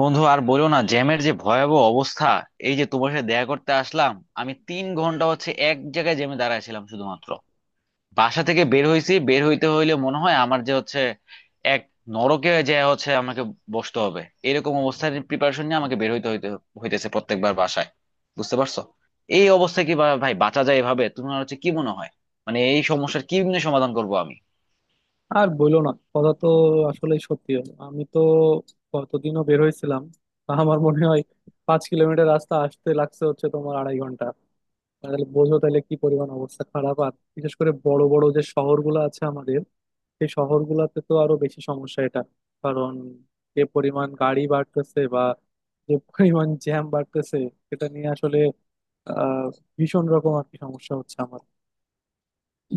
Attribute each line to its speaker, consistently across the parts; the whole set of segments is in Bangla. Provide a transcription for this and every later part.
Speaker 1: বন্ধু, আর বলো না, জ্যামের যে ভয়াবহ অবস্থা। এই যে তোমার সাথে দেখা করতে আসলাম, আমি 3 ঘন্টা হচ্ছে এক জায়গায় জ্যামে দাঁড়াইছিলাম শুধুমাত্র। বাসা থেকে বের হইছি, বের হইতে হইলে মনে হয় আমার যে হচ্ছে এক নরকে যে হচ্ছে আমাকে বসতে হবে। এরকম অবস্থার প্রিপারেশন নিয়ে আমাকে বের হইতে হইতে হইতেছে প্রত্যেকবার বাসায়, বুঝতে পারছো? এই অবস্থায় কি ভাই বাঁচা যায় এভাবে? তোমার হচ্ছে কি মনে হয়, মানে এই সমস্যার কি নিয়ে সমাধান করবো আমি?
Speaker 2: আর বইলো না, কথা তো। আসলে সত্যি হলো আমি তো কতদিনও বের হয়েছিলাম, তা আমার মনে হয় 5 কিলোমিটার রাস্তা আসতে লাগছে হচ্ছে তোমার 2.5 ঘন্টা। তাহলে বোঝো তাহলে কি পরিমাণ অবস্থা খারাপ। আর বিশেষ করে বড় বড় যে শহরগুলো আছে আমাদের, সেই শহরগুলোতে তো আরো বেশি সমস্যা এটা। কারণ যে পরিমাণ গাড়ি বাড়তেছে বা যে পরিমাণ জ্যাম বাড়তেছে সেটা নিয়ে আসলে আহ ভীষণ রকম আর কি সমস্যা হচ্ছে আমার।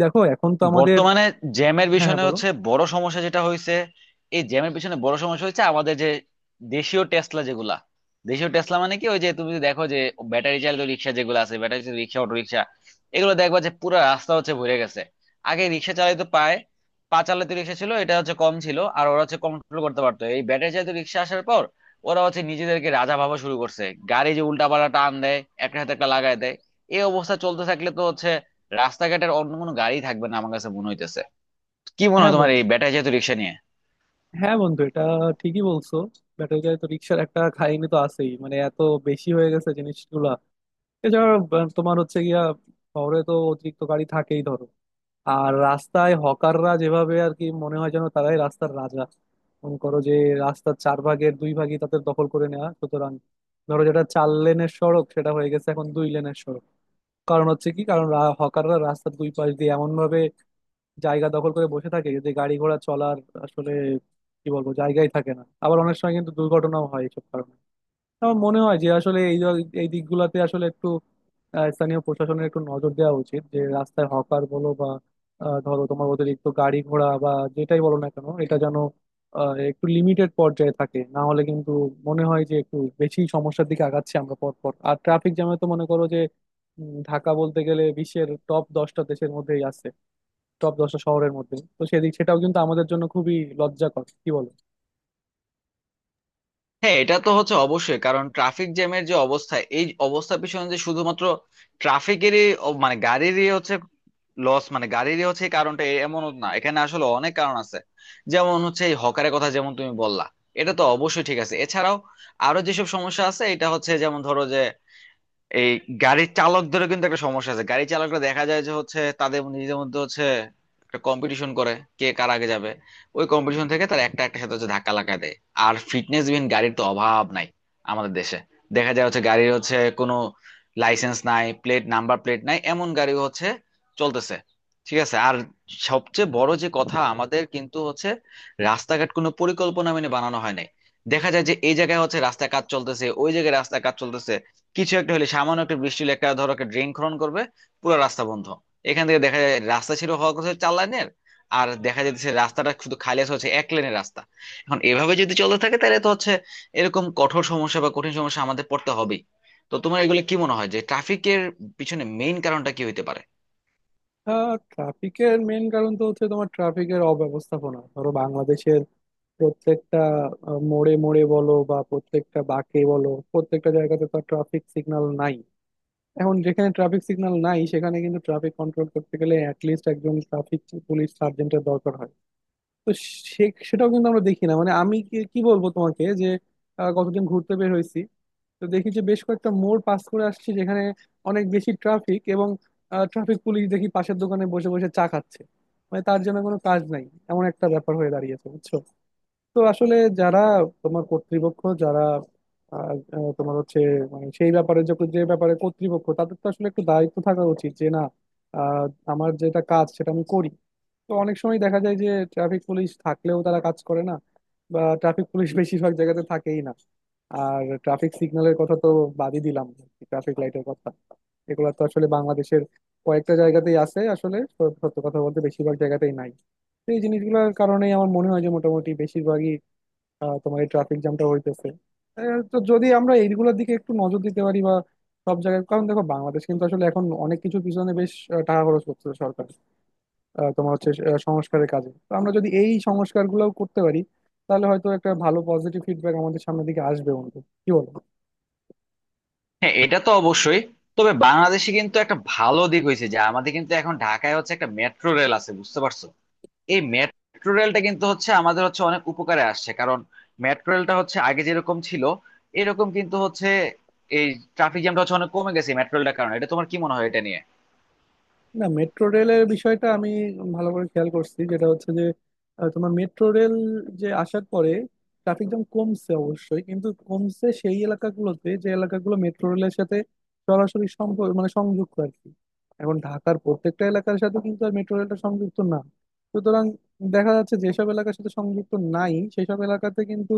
Speaker 2: দেখো এখন তো আমাদের।
Speaker 1: বর্তমানে জ্যামের
Speaker 2: হ্যাঁ, হ্যাঁ,
Speaker 1: পিছনে
Speaker 2: বলো।
Speaker 1: হচ্ছে বড় সমস্যা যেটা হয়েছে, এই জ্যামের পিছনে বড় সমস্যা হচ্ছে আমাদের যে দেশীয় টেসলা যেগুলা, দেশীয় টেসলা মানে কি, ওই যে তুমি যদি দেখো যে ব্যাটারি চালিত রিক্সা যেগুলো আছে, ব্যাটারি চালিত রিক্সা, অটো রিক্সা, এগুলো দেখবা যে পুরো রাস্তা হচ্ছে ভরে গেছে। আগে রিক্সা চালিত পায় পা চালিত রিক্সা ছিল, এটা হচ্ছে কম ছিল আর ওরা হচ্ছে কন্ট্রোল করতে পারতো। এই ব্যাটারি চালিত রিক্সা আসার পর ওরা হচ্ছে নিজেদেরকে রাজা ভাবা শুরু করছে। গাড়ি যে উল্টা পাল্টা টান দেয়, একটা হাতে একটা লাগায় দেয়, এই অবস্থা চলতে থাকলে তো হচ্ছে রাস্তাঘাটের অন্য কোনো গাড়ি থাকবে না আমার কাছে মনে হইতেছে। কি মনে
Speaker 2: হ্যাঁ
Speaker 1: হয় তোমার
Speaker 2: বন্ধু,
Speaker 1: এই ব্যাটারি চালিত রিক্সা নিয়ে?
Speaker 2: হ্যাঁ বন্ধু, এটা ঠিকই বলছো। ব্যাটারি গাড়িতে রিক্সার একটা খাইনি তো আছেই, মানে এত বেশি হয়ে গেছে জিনিসগুলা। এছাড়া তোমার হচ্ছে গিয়া শহরে তো অতিরিক্ত গাড়ি থাকেই ধরো। আর রাস্তায় হকাররা যেভাবে, আর কি মনে হয় যেন তারাই রাস্তার রাজা। মনে করো যে রাস্তার 4 ভাগের 2 ভাগই তাদের দখল করে নেওয়া, সুতরাং ধরো যেটা 4 লেনের সড়ক সেটা হয়ে গেছে এখন 2 লেনের সড়ক। কারণ হচ্ছে কি, কারণ হকাররা রাস্তার দুই পাশ দিয়ে এমন ভাবে জায়গা দখল করে বসে থাকে যে গাড়ি ঘোড়া চলার আসলে কি বলবো জায়গাই থাকে না। আবার অনেক সময় কিন্তু দুর্ঘটনাও হয় এইসব কারণে। আমার মনে হয় যে আসলে এই দিকগুলাতে আসলে একটু স্থানীয় প্রশাসনের একটু নজর দেওয়া উচিত, যে রাস্তায় হকার বলো বা ধরো তোমার অতিরিক্ত গাড়ি ঘোড়া বা যেটাই বলো না কেন এটা যেন একটু লিমিটেড পর্যায়ে থাকে, না হলে কিন্তু মনে হয় যে একটু বেশি সমস্যার দিকে আগাচ্ছি আমরা পর পর। আর ট্রাফিক জ্যামে তো মনে করো যে ঢাকা বলতে গেলে বিশ্বের টপ 10টা দেশের মধ্যেই আছে, টপ 10টা শহরের মধ্যে। তো সেদিক, সেটাও কিন্তু আমাদের জন্য খুবই লজ্জাকর, কি বলো।
Speaker 1: হ্যাঁ, এটা তো হচ্ছে অবশ্যই, কারণ ট্রাফিক জ্যামের যে অবস্থা, এই অবস্থার পিছনে যে শুধুমাত্র মানে গাড়িরই হচ্ছে লস, মানে গাড়িরই হচ্ছে, এই এমনও না, এখানে আসলে অনেক কারণ আছে। যেমন হচ্ছে এই হকারের কথা যেমন তুমি বললা, এটা তো অবশ্যই ঠিক আছে। এছাড়াও আরো যেসব সমস্যা আছে, এটা হচ্ছে যেমন ধরো যে এই গাড়ির চালকদেরও কিন্তু একটা সমস্যা আছে। গাড়ি চালকরা দেখা যায় যে হচ্ছে তাদের নিজেদের মধ্যে হচ্ছে একটা কম্পিটিশন করে, কে কার আগে যাবে। ওই কম্পিটিশন থেকে তারা একটা একটা সাথে হচ্ছে ধাক্কা লাগা দেয়। আর ফিটনেস বিহীন গাড়ির তো অভাব নাই আমাদের দেশে। দেখা যায় হচ্ছে গাড়ির হচ্ছে কোনো লাইসেন্স নাই, প্লেট নাই, এমন গাড়ি হচ্ছে চলতেছে। ঠিক আছে, আর সবচেয়ে বড় যে কথা, আমাদের কিন্তু হচ্ছে রাস্তাঘাট কোনো পরিকল্পনা মেনে বানানো হয় নাই। দেখা যায় যে এই জায়গায় হচ্ছে রাস্তা কাজ চলতেছে, ওই জায়গায় রাস্তা কাজ চলতেছে, কিছু একটা হলে, সামান্য একটা বৃষ্টি হলে, একটা ধরো একটা ড্রেন খনন করবে, পুরো রাস্তা বন্ধ। এখান থেকে দেখা যায় রাস্তা ছিল হওয়ার কথা চার লাইনের, আর দেখা যাচ্ছে রাস্তাটা শুধু খালি আছে হচ্ছে এক লেনের রাস্তা। এখন এভাবে যদি চলতে থাকে তাহলে তো হচ্ছে এরকম কঠোর সমস্যা বা কঠিন সমস্যা আমাদের পড়তে হবেই। তো তোমার এগুলো কি মনে হয় যে ট্রাফিকের পিছনে মেইন কারণটা কি হইতে পারে?
Speaker 2: ট্রাফিকের মেন কারণ তো হচ্ছে তোমার ট্রাফিকের অব্যবস্থাপনা। ধরো বাংলাদেশের প্রত্যেকটা মোড়ে মোড়ে বলো বা প্রত্যেকটা বাঁকে বলো, প্রত্যেকটা জায়গাতে তো ট্রাফিক সিগন্যাল নাই। এখন যেখানে ট্রাফিক সিগন্যাল নাই সেখানে কিন্তু ট্রাফিক কন্ট্রোল করতে গেলে অ্যাটলিস্ট একজন ট্রাফিক পুলিশ সার্জেন্টের দরকার হয়। তো সে সেটাও কিন্তু আমরা দেখি না, মানে আমি কি কি বলবো তোমাকে যে কতদিন ঘুরতে বের হয়েছি। তো দেখি যে বেশ কয়েকটা মোড় পাস করে আসছি যেখানে অনেক বেশি ট্রাফিক, এবং ট্রাফিক পুলিশ দেখি পাশের দোকানে বসে বসে চা খাচ্ছে। মানে তার জন্য কোনো কাজ নাই, এমন একটা ব্যাপার হয়ে দাঁড়িয়েছে বুঝছো। তো আসলে যারা তোমার কর্তৃপক্ষ, যারা আহ, আহ, তোমার হচ্ছে, মানে সেই ব্যাপারে, যখন যে ব্যাপারে কর্তৃপক্ষ তাদের তো আসলে একটু দায়িত্ব থাকা উচিত যে না আহ, আমার যেটা কাজ সেটা আমি করি। তো অনেক সময় দেখা যায় যে ট্রাফিক পুলিশ থাকলেও তারা কাজ করে না, বা ট্রাফিক পুলিশ বেশিরভাগ জায়গাতে থাকেই না। আর ট্রাফিক সিগন্যালের কথা তো বাদই দিলাম, ট্রাফিক লাইটের কথা। এগুলো তো আসলে বাংলাদেশের কয়েকটা জায়গাতেই আছে আসলে, সত্য কথা বলতে বেশিরভাগ জায়গাতেই নাই। তো এই জিনিসগুলোর কারণেই আমার মনে হয় যে মোটামুটি বেশিরভাগই তোমার এই ট্রাফিক জ্যামটা হইতেছে। তো যদি আমরা এইগুলোর দিকে একটু নজর দিতে পারি বা সব জায়গায়, কারণ দেখো বাংলাদেশ কিন্তু আসলে এখন অনেক কিছু পিছনে বেশ টাকা খরচ করতেছে সরকার, তোমার হচ্ছে সংস্কারের কাজে। তো আমরা যদি এই সংস্কারগুলোও করতে পারি তাহলে হয়তো একটা ভালো পজিটিভ ফিডব্যাক আমাদের সামনের দিকে আসবে বন্ধু, কি বলো।
Speaker 1: হ্যাঁ, এটা তো অবশ্যই। তবে বাংলাদেশে কিন্তু একটা ভালো দিক হয়েছে যে আমাদের কিন্তু এখন ঢাকায় হচ্ছে একটা মেট্রো রেল আছে, বুঝতে পারছো? এই মেট্রো রেলটা কিন্তু হচ্ছে আমাদের হচ্ছে অনেক উপকারে আসছে, কারণ মেট্রো রেলটা হচ্ছে আগে যেরকম ছিল এরকম কিন্তু হচ্ছে এই ট্রাফিক জ্যামটা হচ্ছে অনেক কমে গেছে মেট্রো রেলটার কারণে। এটা তোমার কি মনে হয় এটা নিয়ে?
Speaker 2: না, মেট্রো রেলের বিষয়টা আমি ভালো করে খেয়াল করছি, যেটা হচ্ছে যে তোমার মেট্রো রেল যে আসার পরে ট্রাফিক জ্যাম কমছে অবশ্যই, কিন্তু কমছে সেই এলাকাগুলোতে যে এলাকাগুলো মেট্রো রেলের সাথে সরাসরি সম্পর্ক, মানে সংযুক্ত আর কি। এখন ঢাকার প্রত্যেকটা এলাকার সাথে কিন্তু আর মেট্রো রেলটা সংযুক্ত না। সুতরাং দেখা যাচ্ছে যেসব এলাকার সাথে সংযুক্ত নাই সেসব এলাকাতে কিন্তু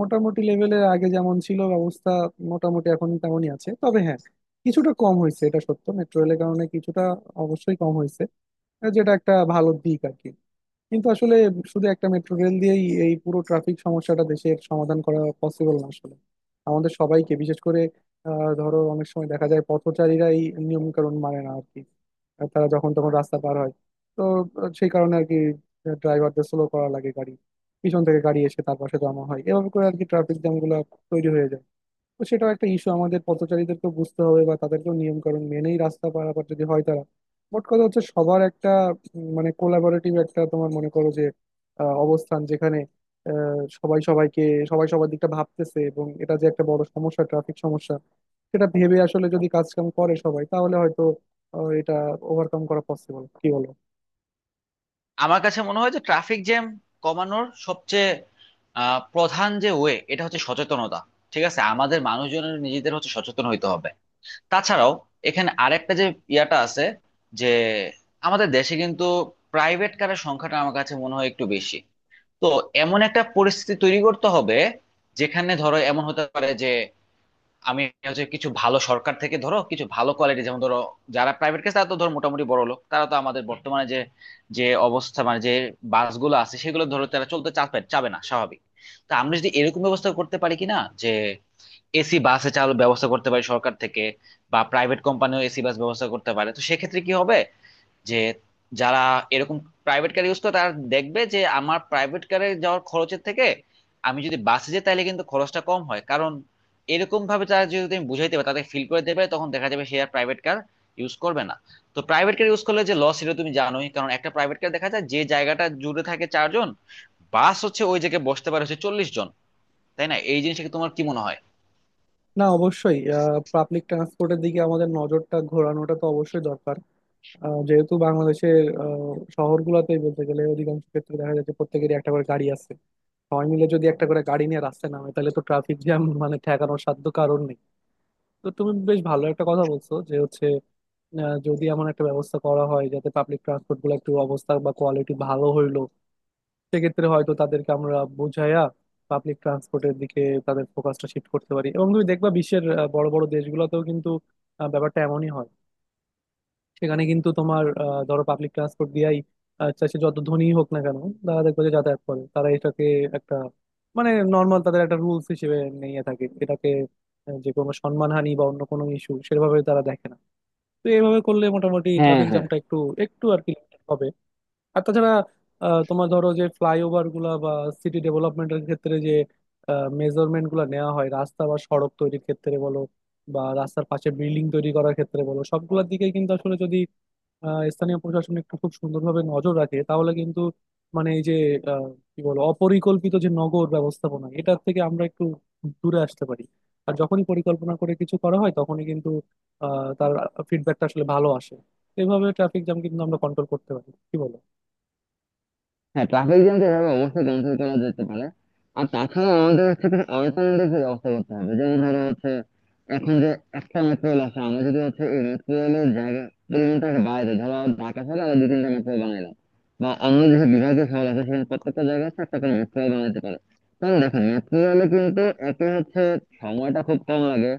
Speaker 2: মোটামুটি লেভেলের আগে যেমন ছিল ব্যবস্থা, মোটামুটি এখন তেমনই আছে। তবে হ্যাঁ, কিছুটা কম হয়েছে এটা সত্য, মেট্রো রেলের কারণে কিছুটা অবশ্যই কম হয়েছে, যেটা একটা ভালো দিক আর কি। কিন্তু আসলে শুধু একটা মেট্রো রেল দিয়েই এই পুরো ট্রাফিক সমস্যাটা দেশের সমাধান করা পসিবল না। আসলে আমাদের সবাইকে বিশেষ করে, ধরো অনেক সময় দেখা যায় পথচারীরা এই নিয়ম কানুন মানে না আর কি। আর তারা যখন তখন রাস্তা পার হয়। তো সেই কারণে আর কি ড্রাইভারদের স্লো করা লাগে গাড়ি, পিছন থেকে গাড়ি এসে তার পাশে জমা হয়, এভাবে করে আর কি ট্রাফিক জ্যাম গুলো তৈরি হয়ে যায়। তো সেটাও একটা ইস্যু, আমাদের পথচারীদেরকেও বুঝতে হবে বা তাদেরকেও নিয়ম কানুন মেনেই রাস্তা পারাপার যদি হয় তারা। মোট কথা হচ্ছে সবার একটা মানে কোলাবোরেটিভ একটা তোমার মনে করো যে অবস্থান, যেখানে আহ, সবাই সবাইকে সবাই সবার দিকটা ভাবতেছে এবং এটা যে একটা বড় সমস্যা, ট্রাফিক সমস্যা, সেটা ভেবে আসলে যদি কাজ কাম করে সবাই তাহলে হয়তো এটা ওভারকাম করা পসিবল, কি বলো।
Speaker 1: আমার কাছে মনে হয় যে ট্রাফিক জ্যাম কমানোর সবচেয়ে প্রধান যে ওয়ে, এটা হচ্ছে সচেতনতা। ঠিক আছে, আমাদের মানুষজনের নিজেদের হচ্ছে সচেতন হইতে হবে। তাছাড়াও এখানে আরেকটা যে ইয়াটা আছে যে আমাদের দেশে কিন্তু প্রাইভেট কারের সংখ্যাটা আমার কাছে মনে হয় একটু বেশি। তো এমন একটা পরিস্থিতি তৈরি করতে হবে যেখানে ধরো এমন হতে পারে যে আমি হচ্ছে কিছু ভালো, সরকার থেকে ধরো কিছু ভালো কোয়ালিটি, যেমন ধরো যারা প্রাইভেট কেস তারা তো ধরো মোটামুটি বড় লোক, তারা তো আমাদের বর্তমানে যে যে অবস্থা, মানে যে বাসগুলো আছে সেগুলো ধরো তারা চলতে চাপে চাবে না স্বাভাবিক। তো আমরা যদি এরকম ব্যবস্থা করতে পারি কিনা যে এসি বাসে চালু ব্যবস্থা করতে পারি সরকার থেকে বা প্রাইভেট কোম্পানিও এসি বাস ব্যবস্থা করতে পারে, তো সেক্ষেত্রে কি হবে যে যারা এরকম প্রাইভেট কার ইউজ করে তারা দেখবে যে আমার প্রাইভেট কারে যাওয়ার খরচের থেকে আমি যদি বাসে যাই তাহলে কিন্তু খরচটা কম হয়। কারণ এরকম ভাবে তারা যদি, তুমি বুঝাইতে পারো, তাদের ফিল করে দেবে, তখন দেখা যাবে সে আর প্রাইভেট কার ইউজ করবে না। তো প্রাইভেট কার ইউজ করলে যে লস সেটা তুমি জানোই, কারণ একটা প্রাইভেট কার দেখা যায় যে জায়গাটা জুড়ে থাকে চারজন, বাস হচ্ছে ওই জায়গায় বসতে পারে হচ্ছে 40 জন, তাই না? এই জিনিসটাকে তোমার কি মনে হয়?
Speaker 2: না অবশ্যই, পাবলিক ট্রান্সপোর্টের দিকে আমাদের নজরটা ঘোরানোটা তো অবশ্যই দরকার, যেহেতু বাংলাদেশের শহরগুলোতেই বলতে গেলে অধিকাংশ ক্ষেত্রে দেখা যাচ্ছে প্রত্যেকেরই একটা করে গাড়ি আছে। সবাই মিলে যদি একটা করে গাড়ি নিয়ে রাস্তায় নামে তাহলে তো ট্রাফিক জ্যাম মানে ঠেকানোর সাধ্য কারণ নেই। তো তুমি বেশ ভালো একটা কথা বলছো যে হচ্ছে যদি এমন একটা ব্যবস্থা করা হয় যাতে পাবলিক ট্রান্সপোর্ট গুলো একটু অবস্থা বা কোয়ালিটি ভালো হইলো, সেক্ষেত্রে হয়তো তাদেরকে আমরা বুঝাইয়া পাবলিক ট্রান্সপোর্টের দিকে তাদের ফোকাসটা শিফট করতে পারি। এবং তুমি দেখবা বিশ্বের বড় বড় দেশগুলোতেও কিন্তু ব্যাপারটা এমনই হয়। সেখানে কিন্তু তোমার ধরো পাবলিক ট্রান্সপোর্ট দিয়াই, আচ্ছা সে যত ধনী হোক না কেন, তারা দেখবে যে যাতায়াত করে তারা এটাকে একটা, মানে নর্মাল তাদের একটা রুলস হিসেবে নিয়ে থাকে এটাকে। যে কোনো সম্মানহানি বা অন্য কোনো ইস্যু সেভাবে তারা দেখে না। তো এইভাবে করলে মোটামুটি
Speaker 1: হ্যাঁ,
Speaker 2: ট্রাফিক
Speaker 1: হ্যাঁ,
Speaker 2: জ্যামটা একটু একটু আর কি limited হবে। আর তাছাড়া তোমার ধরো যে ফ্লাইওভার গুলা বা সিটি ডেভেলপমেন্টের ক্ষেত্রে যে মেজারমেন্ট গুলা নেওয়া হয় রাস্তা বা সড়ক তৈরির ক্ষেত্রে বলো, বা রাস্তার পাশে বিল্ডিং তৈরি করার ক্ষেত্রে বলো, সবগুলোর দিকে কিন্তু আসলে যদি স্থানীয় প্রশাসন একটু খুব সুন্দরভাবে নজর রাখে তাহলে কিন্তু, মানে এই যে আহ, কি বলো, অপরিকল্পিত যে নগর ব্যবস্থাপনা এটার থেকে আমরা একটু দূরে আসতে পারি। আর যখনই পরিকল্পনা করে কিছু করা হয় তখনই কিন্তু তার ফিডব্যাকটা আসলে ভালো আসে। এইভাবে ট্রাফিক জ্যাম কিন্তু আমরা কন্ট্রোল করতে পারি, কি বলো।
Speaker 1: হ্যাঁ, ট্রাফিক জ্যাম তো এভাবে অবশ্যই কন্ট্রোল করা যেতে পারে। আর তাছাড়া আমাদের হচ্ছে কিছু অল্টারনেটিভ ব্যবস্থা করতে হবে, যেমন ধরো হচ্ছে এখন যে একটা মেট্রো রেল আছে, আমরা যদি হচ্ছে এই মেট্রো রেলের জায়গা পরিমাণটাকে বাড়াই দিই, ধরো ঢাকা শহরে আমরা দু তিনটা মেট্রো বানাইলাম, বা অন্য যেসব বিভাগীয় শহর আছে সেখানে প্রত্যেকটা জায়গায় হচ্ছে একটা করে মেট্রো রেল বানাতে পারে। কারণ দেখো মেট্রো রেলে কিন্তু একে হচ্ছে সময়টা খুব কম লাগে,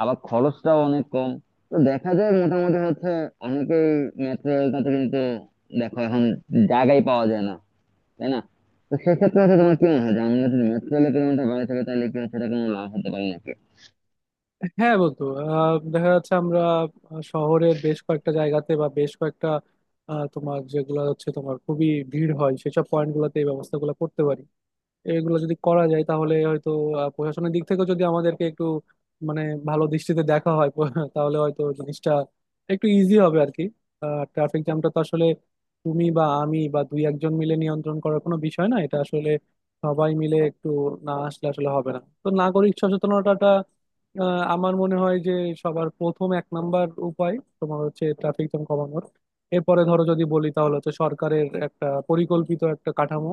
Speaker 1: আবার খরচটাও অনেক কম। তো দেখা যায় মোটামুটি হচ্ছে অনেকেই মেট্রো রেলটাতে কিন্তু, দেখো এখন জায়গাই পাওয়া যায় না, তাই না? তো সেক্ষেত্রে হচ্ছে তোমার কি মনে হয় যে আমরা যদি মেট্রো রেলে কিলোমিটার বাড়াতে চাই তাহলে কি সেটা কোনো লাভ হতে পারে নাকি?
Speaker 2: হ্যাঁ বন্ধু, দেখা যাচ্ছে আমরা শহরের বেশ কয়েকটা জায়গাতে বা বেশ কয়েকটা তোমার যেগুলো হচ্ছে তোমার খুবই ভিড় হয় সেসব পয়েন্ট গুলোতে এই ব্যবস্থাগুলো করতে পারি। এগুলো যদি করা যায় তাহলে হয়তো প্রশাসনের দিক থেকে যদি আমাদেরকে একটু, মানে ভালো দৃষ্টিতে দেখা হয় তাহলে হয়তো জিনিসটা একটু ইজি হবে আর কি। ট্রাফিক জ্যামটা তো আসলে তুমি বা আমি বা দুই একজন মিলে নিয়ন্ত্রণ করার কোনো বিষয় না, এটা আসলে সবাই মিলে একটু, না আসলে আসলে হবে না তো নাগরিক সচেতনতাটা, আমার মনে হয় যে সবার প্রথম 1 নাম্বার উপায় তোমার হচ্ছে ট্রাফিক জ্যাম কমানোর। এরপরে ধরো যদি বলি তাহলে হচ্ছে সরকারের একটা পরিকল্পিত একটা কাঠামো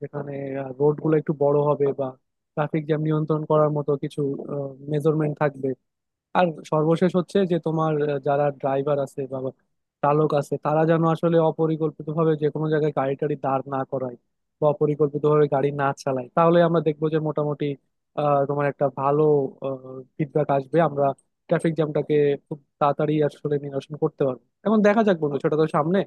Speaker 2: যেখানে রোড গুলো একটু বড় হবে বা ট্রাফিক জ্যাম নিয়ন্ত্রণ করার মতো কিছু মেজারমেন্ট থাকবে। আর সর্বশেষ হচ্ছে যে তোমার যারা ড্রাইভার আছে বা চালক আছে তারা যেন আসলে অপরিকল্পিতভাবে যে কোনো জায়গায় গাড়ি টাড়ি দাঁড় না করায় বা অপরিকল্পিতভাবে গাড়ি না চালায়, তাহলে আমরা দেখবো যে মোটামুটি তোমার একটা ভালো ফিডব্যাক আসবে, আমরা ট্রাফিক জ্যামটাকে খুব তাড়াতাড়ি আসলে নিরসন করতে পারবো। এখন দেখা যাক বন্ধু সেটা তো সামনে,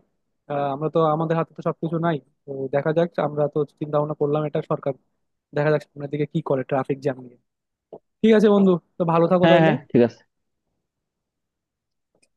Speaker 2: আমরা তো আমাদের হাতে তো সবকিছু নাই। তো দেখা যাক, আমরা তো চিন্তা ভাবনা করলাম, এটা সরকার দেখা যাক সামনের দিকে কি করে ট্রাফিক জ্যাম নিয়ে। ঠিক আছে বন্ধু, তো ভালো থাকো
Speaker 1: হ্যাঁ, হ্যাঁ,
Speaker 2: তাহলে।
Speaker 1: ঠিক আছে।